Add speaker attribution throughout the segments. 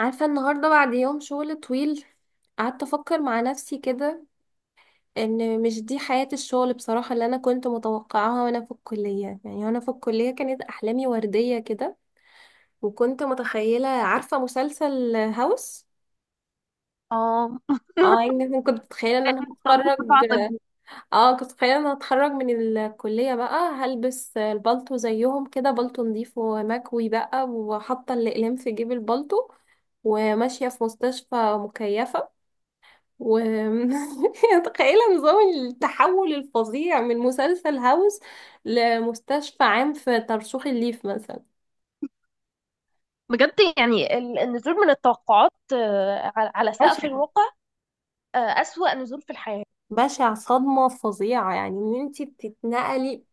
Speaker 1: عارفة، النهاردة بعد يوم شغل طويل قعدت أفكر مع نفسي كده، إن مش دي حياة الشغل بصراحة اللي أنا كنت متوقعاها وأنا في الكلية. يعني وأنا في الكلية كانت أحلامي وردية كده، وكنت متخيلة، عارفة، مسلسل هاوس.
Speaker 2: اه.
Speaker 1: اه يعني كنت متخيلة ان انا
Speaker 2: طلبت
Speaker 1: هتخرج
Speaker 2: قطاع طبي.
Speaker 1: اه كنت متخيلة ان انا هتخرج من الكلية، بقى هلبس البالتو زيهم كده، بالتو نضيف ومكوي بقى، وحاطة الأقلام في جيب البالتو، وماشية في مستشفى مكيفة و متخيلة نظام التحول الفظيع من مسلسل هاوس لمستشفى عام في ترسوخ الليف مثلا.
Speaker 2: بجد يعني النزول من التوقعات، على سقف
Speaker 1: بشع.
Speaker 2: الواقع. أسوأ نزول في الحياة.
Speaker 1: بشع، صدمة فظيعة، يعني ان انتي بتتنقلي.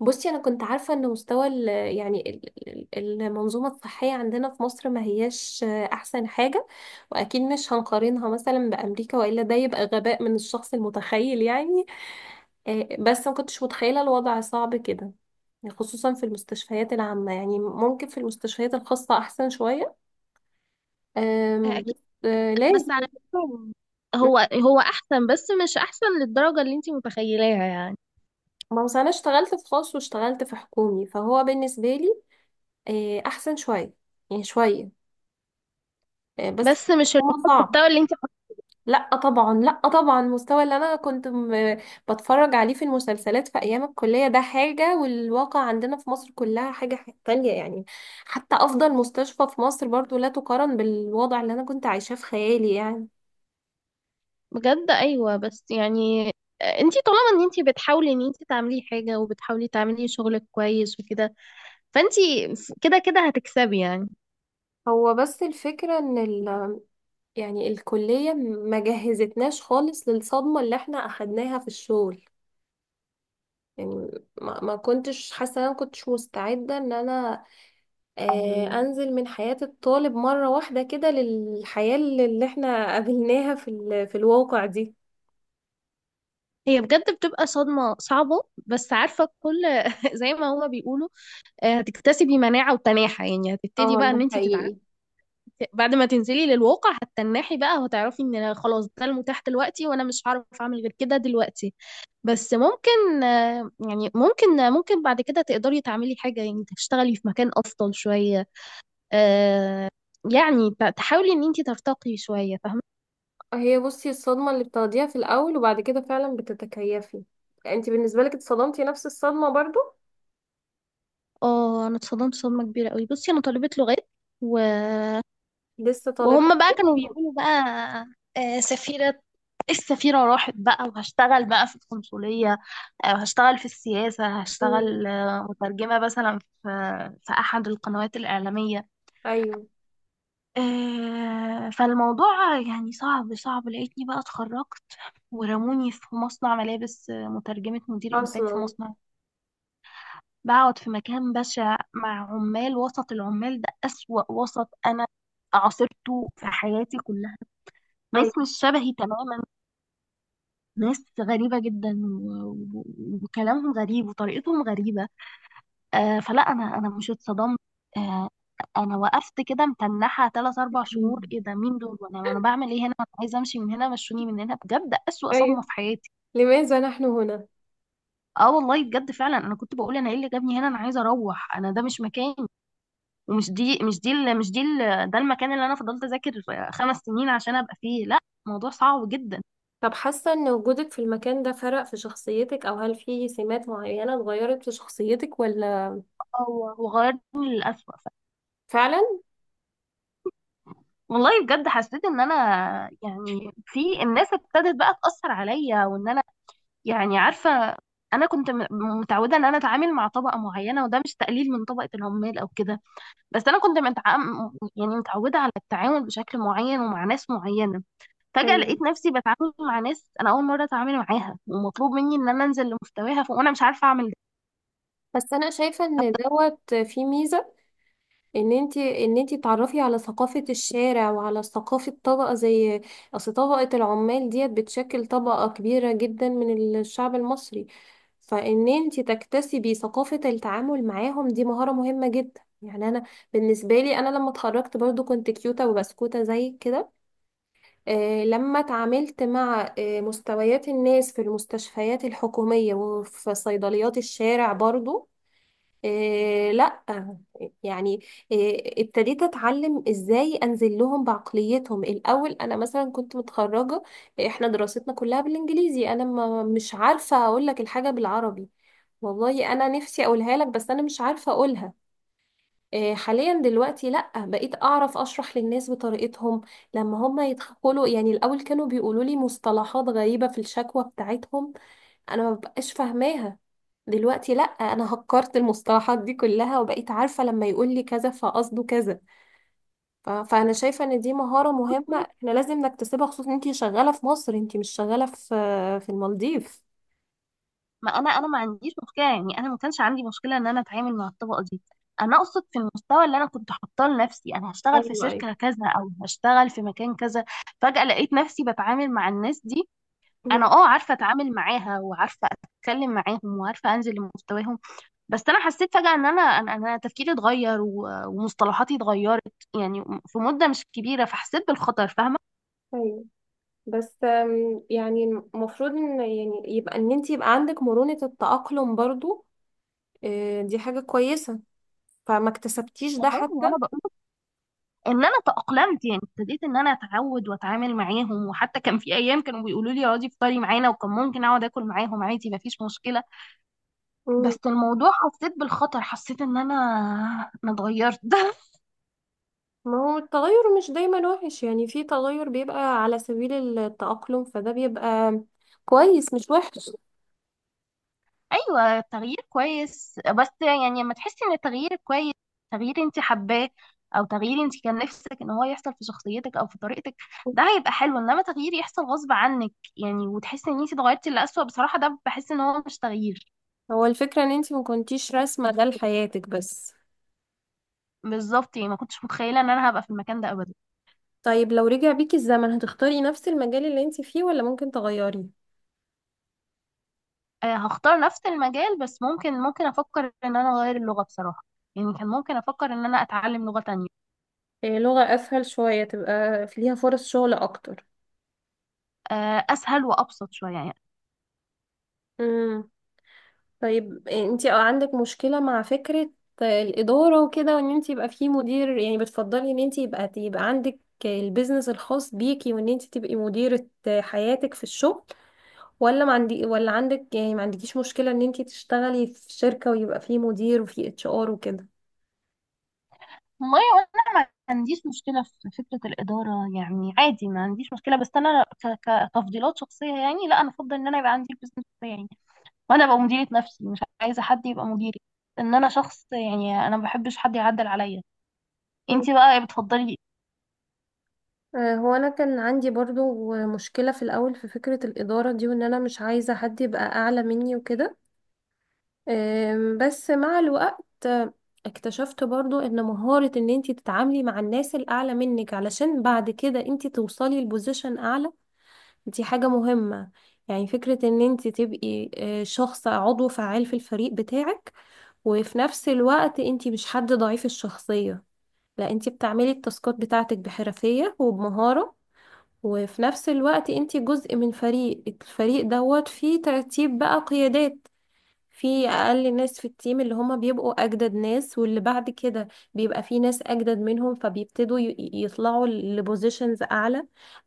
Speaker 1: بصي، انا كنت عارفة ان مستوى يعني المنظومة الصحية عندنا في مصر ما هياش احسن حاجة، واكيد مش هنقارنها مثلا بامريكا، والا ده يبقى غباء من الشخص المتخيل يعني. بس ما كنتش متخيلة الوضع صعب كده، خصوصا في المستشفيات العامة. يعني ممكن في المستشفيات الخاصة أحسن شوية.
Speaker 2: اكيد.
Speaker 1: بس. آه،
Speaker 2: بس
Speaker 1: لازم.
Speaker 2: على فكره،
Speaker 1: م-
Speaker 2: هو احسن، بس مش احسن للدرجه اللي انت متخيلاها يعني.
Speaker 1: ما هو أنا اشتغلت في خاص واشتغلت في حكومي، فهو بالنسبة لي أحسن شوية، يعني شوية. بس
Speaker 2: بس مش
Speaker 1: هو صعب.
Speaker 2: المحتوى اللي انت...
Speaker 1: لا طبعا، لا طبعا، المستوى اللي انا كنت بتفرج عليه في المسلسلات في ايام الكليه ده حاجه، والواقع عندنا في مصر كلها حاجه تانية يعني. حتى افضل مستشفى في مصر برضو لا تقارن بالوضع اللي انا كنت عايشاه في خيالي يعني.
Speaker 2: بجد ايوه، بس يعني انت طالما ان انت بتحاولي ان انت تعملي حاجه، وبتحاولي تعملي شغلك كويس وكده، فانت كده كده هتكسبي يعني.
Speaker 1: هو بس الفكره ان يعني الكليه ما جهزتناش خالص للصدمه اللي احنا اخدناها في الشغل. يعني ما كنتش حاسه إن انا ما كنتش مستعده ان انا، انزل من حياة الطالب مرة واحدة كده للحياة اللي احنا قابلناها في في الواقع دي.
Speaker 2: هي بجد بتبقى صدمه صعبه، بس عارفه كل... زي ما هما بيقولوا، هتكتسبي مناعة وتناحة، يعني هتبتدي
Speaker 1: اه،
Speaker 2: بقى
Speaker 1: ده
Speaker 2: ان انت تتعافي.
Speaker 1: حقيقي.
Speaker 2: بعد ما تنزلي للواقع هتتنحي بقى، وهتعرفي ان أنا خلاص ده المتاح دلوقتي، وانا مش هعرف اعمل غير كده دلوقتي. بس ممكن يعني ممكن بعد كده تقدري تعملي حاجة، يعني تشتغلي في مكان افضل شوية. آه، يعني تحاولي ان انت ترتقي شوية، فاهمة؟
Speaker 1: هي بصي، الصدمة اللي بتاخديها في الاول وبعد كده فعلا بتتكيفي. انت بالنسبة لك اتصدمتي نفس الصدمة برضو؟
Speaker 2: اه، انا اتصدمت صدمة كبيرة قوي. بصي، انا طالبة لغات، و
Speaker 1: لسه طالبة.
Speaker 2: وهم بقى كانوا بيقولوا بقى سفيرة. إيه، السفيرة راحت بقى وهشتغل بقى في القنصلية، وهشتغل في السياسة،
Speaker 1: مم.
Speaker 2: هشتغل مترجمة مثلا في أحد القنوات الإعلامية.
Speaker 1: ايوه.
Speaker 2: فالموضوع يعني صعب، صعب لقيتني بقى اتخرجت، ورموني في مصنع ملابس مترجمة مدير إنتاج في
Speaker 1: اصلا
Speaker 2: مصنع. بقعد في مكان بشع مع عمال، وسط العمال ده أسوأ وسط أنا عاصرته في حياتي كلها. ناس
Speaker 1: ايوه.
Speaker 2: مش شبهي تماما، ناس غريبة جدا و- و- وكلامهم غريب، وطريقتهم غريبة. فلا، أنا مش اتصدمت. آه أنا وقفت كده متنحة تلات أربع شهور. إيه ده؟ مين دول؟ وأنا بعمل إيه هنا؟ أنا عايزة أمشي من هنا. مشوني من هنا، بجد أسوأ
Speaker 1: ايوه.
Speaker 2: صدمة في حياتي.
Speaker 1: لماذا نحن هنا؟
Speaker 2: اه، والله بجد فعلا انا كنت بقول انا ايه اللي جابني هنا؟ انا عايزه اروح، انا ده مش مكاني. ومش دي مش دي ال- مش دي ال- ده المكان اللي انا فضلت اذاكر 5 سنين عشان ابقى فيه؟ لا. الموضوع صعب جدا،
Speaker 1: طب حاسة ان وجودك في المكان ده فرق في شخصيتك، او هل في سمات معينة اتغيرت في شخصيتك ولا؟
Speaker 2: وغيرني للأسوأ.
Speaker 1: فعلا.
Speaker 2: والله بجد حسيت ان انا يعني في الناس ابتدت بقى تأثر عليا، وان انا يعني عارفة انا كنت متعودة ان انا اتعامل مع طبقة معينة، وده مش تقليل من طبقة العمال او كده. بس انا كنت يعني متعودة على التعامل بشكل معين، ومع ناس معينة. فجأة
Speaker 1: ايوه،
Speaker 2: لقيت نفسي بتعامل مع ناس انا اول مرة اتعامل معاها، ومطلوب مني ان انا انزل لمستواها وانا مش عارفة اعمل ده.
Speaker 1: بس انا شايفه ان دوت فيه ميزه، ان انت تعرفي على ثقافه الشارع، وعلى ثقافه طبقه زي، اصل طبقه العمال ديت بتشكل طبقه كبيره جدا من الشعب المصري. فان انت تكتسبي ثقافه التعامل معاهم، دي مهاره مهمه جدا. يعني بالنسبه لي انا لما اتخرجت برضو كنت كيوته وبسكوته زي كده. لما اتعاملت مع مستويات الناس في المستشفيات الحكوميه وفي صيدليات الشارع برضو، إيه، لا، يعني، إيه، ابتديت اتعلم ازاي انزل لهم بعقليتهم. الاول انا مثلا كنت متخرجه، احنا دراستنا كلها بالانجليزي، انا ما مش عارفه اقول لك الحاجه بالعربي. والله انا نفسي اقولها لك بس انا مش عارفه اقولها. إيه، حاليا دلوقتي لا، بقيت اعرف اشرح للناس بطريقتهم لما هم يدخلوا. يعني الاول كانوا بيقولوا لي مصطلحات غريبه في الشكوى بتاعتهم، انا ما ببقاش فاهماها. دلوقتي لا، انا هكرت المصطلحات دي كلها، وبقيت عارفة لما يقول لي كذا فقصده كذا. فانا شايفة ان دي مهارة مهمة، احنا لازم نكتسبها، خصوصا انتي شغالة في مصر، انتي مش شغالة في المالديف.
Speaker 2: ما انا ما عنديش مشكله، يعني انا ما كانش عندي مشكله ان انا اتعامل مع الطبقه دي. انا اقصد في المستوى اللي انا كنت حاطاه لنفسي، انا هشتغل في
Speaker 1: ايوه، ايوه.
Speaker 2: شركه كذا او هشتغل في مكان كذا. فجاه لقيت نفسي بتعامل مع الناس دي. انا
Speaker 1: مم.
Speaker 2: اه عارفه اتعامل معاها، وعارفه اتكلم معاهم، وعارفه انزل لمستواهم. بس انا حسيت فجاه ان انا انا أنا تفكيري اتغير ومصطلحاتي اتغيرت، يعني في مده مش كبيره، فحسيت بالخطر، فاهمه؟
Speaker 1: ايوه، بس يعني المفروض ان، يعني يبقى ان انت يبقى عندك مرونة التأقلم برضو. دي حاجة كويسة. فما اكتسبتيش ده
Speaker 2: والله
Speaker 1: حتى.
Speaker 2: وانا بقول ان انا تأقلمت، يعني ابتديت ان انا اتعود واتعامل معاهم، وحتى كان في ايام كانوا بيقولوا لي اقعدي افطري معانا، وكان ممكن اقعد اكل معاهم عادي مفيش مشكله. بس الموضوع حسيت بالخطر، حسيت ان انا اتغيرت.
Speaker 1: ما هو التغير مش دايما وحش، يعني في تغير بيبقى على سبيل التأقلم، فده بيبقى كويس مش وحش.
Speaker 2: ايوه، التغيير كويس، بس يعني لما تحسي ان التغيير كويس، تغيير انت حباه، او تغيير انت كان نفسك ان هو يحصل في شخصيتك او في طريقتك، ده هيبقى حلو. انما تغيير يحصل غصب عنك يعني، وتحسي ان انت اتغيرتي لأسوأ، بصراحه ده بحس ان هو مش تغيير.
Speaker 1: هو الفكرة ان انتي ما كنتيش راسمة ده لحياتك بس.
Speaker 2: بالظبط، يعني ما كنتش متخيله ان انا هبقى في المكان ده ابدا.
Speaker 1: طيب، لو رجع بيكي الزمن هتختاري نفس المجال اللي انتي فيه ولا ممكن تغيري؟
Speaker 2: هختار نفس المجال، بس ممكن افكر ان انا اغير اللغه بصراحه، يعني كان ممكن افكر ان انا اتعلم لغه تانية.
Speaker 1: إيه، لغة اسهل شوية، تبقى ليها فرص شغل اكتر.
Speaker 2: اسهل وابسط شويه يعني.
Speaker 1: طيب، انتي عندك مشكلة مع فكرة الإدارة وكده، وان انتي يبقى فيه مدير؟ يعني بتفضلي ان انتي يبقى عندك البيزنس الخاص بيكي، وان انتي تبقي مديرة حياتك في الشغل، ولا ما عندي ولا عندك؟ يعني ما عندكيش مشكلة ان انتي تشتغلي في شركة ويبقى فيه مدير وفيه HR وكده؟
Speaker 2: والله انا ما عنديش مشكله في فكره الاداره، يعني عادي ما عنديش مشكله، بس انا كتفضيلات شخصيه، يعني لا، انا افضل ان انا يبقى عندي البزنس بتاعي يعني، وانا ابقى مديره نفسي، مش عايزه حد يبقى مديري، ان انا شخص يعني انا ما بحبش حد يعدل عليا.
Speaker 1: مم.
Speaker 2: انتي بقى بتفضلي؟
Speaker 1: هو انا كان عندي برضو مشكلة في الاول في فكرة الإدارة دي، وان انا مش عايزة حد يبقى اعلى مني وكده. بس مع الوقت اكتشفت برضو ان مهارة ان انتي تتعاملي مع الناس الاعلى منك علشان بعد كده انتي توصلي لبوزيشن اعلى دي حاجة مهمة. يعني فكرة ان انتي تبقي شخص، عضو فعال في الفريق بتاعك، وفي نفس الوقت انتي مش حد ضعيف الشخصية، لا، انتي بتعملي التاسكات بتاعتك بحرفية وبمهارة، وفي نفس الوقت انتي جزء من الفريق دوت فيه ترتيب بقى قيادات. في اقل ناس في التيم اللي هما بيبقوا اجدد ناس، واللي بعد كده بيبقى في ناس اجدد منهم فبيبتدوا يطلعوا لبوزيشنز اعلى.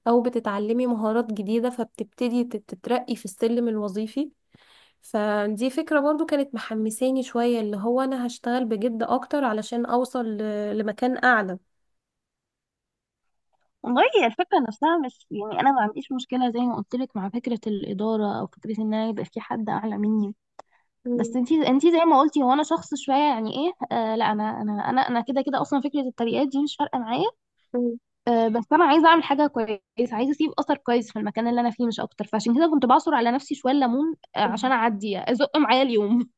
Speaker 1: او بتتعلمي مهارات جديدة فبتبتدي تترقي في السلم الوظيفي. فدي فكرة برضو كانت محمساني شوية، اللي هو انا هشتغل بجد اكتر علشان اوصل لمكان اعلى.
Speaker 2: والله هي الفكرة نفسها، مش يعني أنا ما عنديش مشكلة زي ما قلت لك مع فكرة الإدارة، أو فكرة إن أنا يبقى في حد أعلى مني. بس
Speaker 1: مم.
Speaker 2: انتي زي ما قلتي، هو أنا شخص شوية يعني إيه. لا، أنا كده كده أصلا فكرة الترقيات دي مش فارقة معايا. بس أنا عايزة أعمل حاجة كويسة، عايزة أسيب أثر كويس في المكان اللي أنا فيه مش أكتر، فعشان كده كنت بعصر على نفسي شوية ليمون
Speaker 1: مم.
Speaker 2: عشان أعدي أزق معايا اليوم.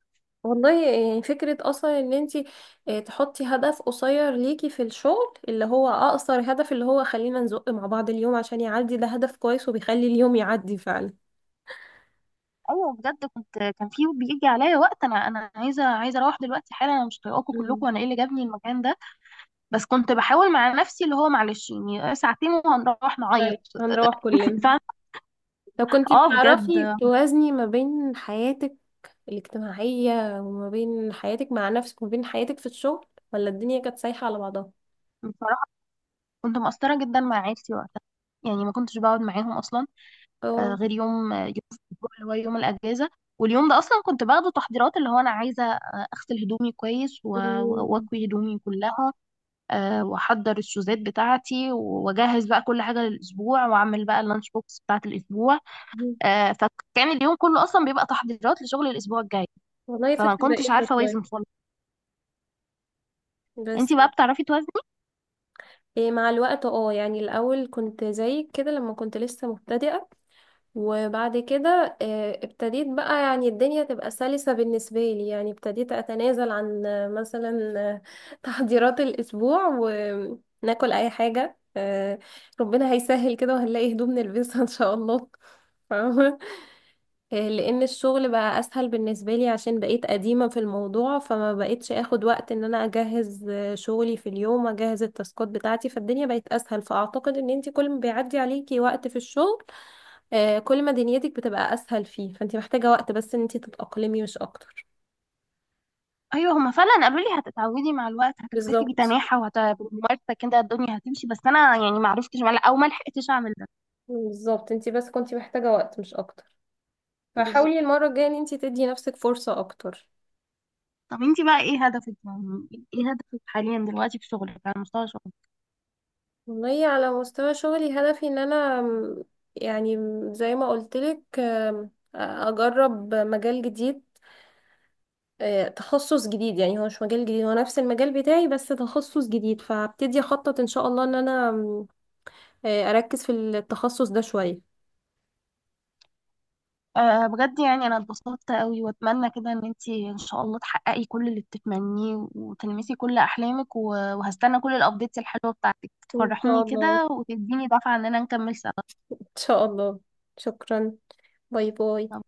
Speaker 1: والله يعني فكرة اصلا ان انتي تحطي هدف قصير ليكي في الشغل، اللي هو اقصر هدف، اللي هو خلينا نزق مع بعض اليوم عشان يعدي، ده هدف كويس وبيخلي اليوم يعدي فعلا.
Speaker 2: ايوه، بجد كنت كان في بيجي عليا وقت انا عايزه اروح دلوقتي حالا، انا مش طايقاكم كلكم،
Speaker 1: مم.
Speaker 2: انا ايه اللي جابني المكان ده؟ بس كنت بحاول مع نفسي اللي هو معلش يعني ساعتين وهنروح نعيط.
Speaker 1: طيب، هنروح كلنا.
Speaker 2: فعلا.
Speaker 1: طب كنتي
Speaker 2: اه، بجد
Speaker 1: بتعرفي توازني ما بين حياتك الاجتماعية وما بين حياتك مع نفسك وما بين حياتك في الشغل، ولا الدنيا كانت سايحة على بعضها؟
Speaker 2: بصراحة كنت مقصرة جدا مع عيلتي وقتها، يعني ما كنتش بقعد معاهم اصلا،
Speaker 1: اه.
Speaker 2: غير يوم يوم في الأسبوع اللي هو يوم الاجازة. واليوم ده اصلا كنت باخده تحضيرات، اللي هو انا عايزة اغسل هدومي كويس
Speaker 1: مم.
Speaker 2: واكوي هدومي كلها، واحضر الشوزات بتاعتي، واجهز بقى كل حاجة للاسبوع، واعمل بقى اللانش بوكس بتاعت الاسبوع. فكان اليوم كله اصلا بيبقى تحضيرات لشغل الاسبوع الجاي.
Speaker 1: والله
Speaker 2: فما
Speaker 1: فكرة
Speaker 2: كنتش
Speaker 1: بائسة
Speaker 2: عارفة
Speaker 1: شوية
Speaker 2: اوازن خالص.
Speaker 1: بس.
Speaker 2: انتي بقى بتعرفي توازني؟
Speaker 1: إيه مع الوقت يعني الاول كنت زيك كده لما كنت لسه مبتدئة، وبعد كده ابتديت بقى، يعني الدنيا تبقى سلسة بالنسبة لي. يعني ابتديت أتنازل عن مثلا تحضيرات الأسبوع، وناكل أي حاجة. ربنا هيسهل كده وهنلاقي هدوم نلبسها إن شاء الله. فاهمة؟ لأن الشغل بقى أسهل بالنسبة لي عشان بقيت قديمة في الموضوع، فما بقيتش أخد وقت إن أنا أجهز شغلي في اليوم، أجهز التاسكات بتاعتي، فالدنيا بقت أسهل. فأعتقد إن أنتي كل ما بيعدي عليكي وقت في الشغل، كل ما دنيتك بتبقى اسهل، فيه فانت محتاجه وقت بس ان انت تتاقلمي مش اكتر.
Speaker 2: ايوه، هما فعلا قالوا لي هتتعودي مع الوقت، هتكتفي
Speaker 1: بالظبط.
Speaker 2: بتناحة، وهتمارسة كده الدنيا هتمشي. بس انا يعني ما عرفتش او ما لحقتش اعمل ده.
Speaker 1: بالظبط، انت بس كنتي محتاجه وقت مش اكتر،
Speaker 2: بالظبط.
Speaker 1: فحاولي المره الجايه ان انت تدي نفسك فرصه اكتر.
Speaker 2: طب انتي بقى ايه هدفك يعني؟ ايه هدفك حاليا دلوقتي في شغلك، على مستوى شغلك؟
Speaker 1: والله على مستوى شغلي هدفي ان انا، يعني زي ما قلتلك، اجرب مجال جديد. تخصص جديد. يعني هو مش مجال جديد، هو نفس المجال بتاعي بس تخصص جديد. فهبتدي اخطط ان شاء الله ان انا، م، آه، اركز في التخصص ده شويه.
Speaker 2: أه بجد يعني انا اتبسطت قوي، واتمنى كده ان انتي ان شاء الله تحققي كل اللي بتتمنيه، وتلمسي كل احلامك، وهستنى كل الابديتس الحلوه بتاعتك
Speaker 1: ان شاء
Speaker 2: تفرحيني
Speaker 1: الله.
Speaker 2: كده، وتديني دفعه ان انا نكمل سوا.
Speaker 1: إن شاء الله. شكرا. باي باي.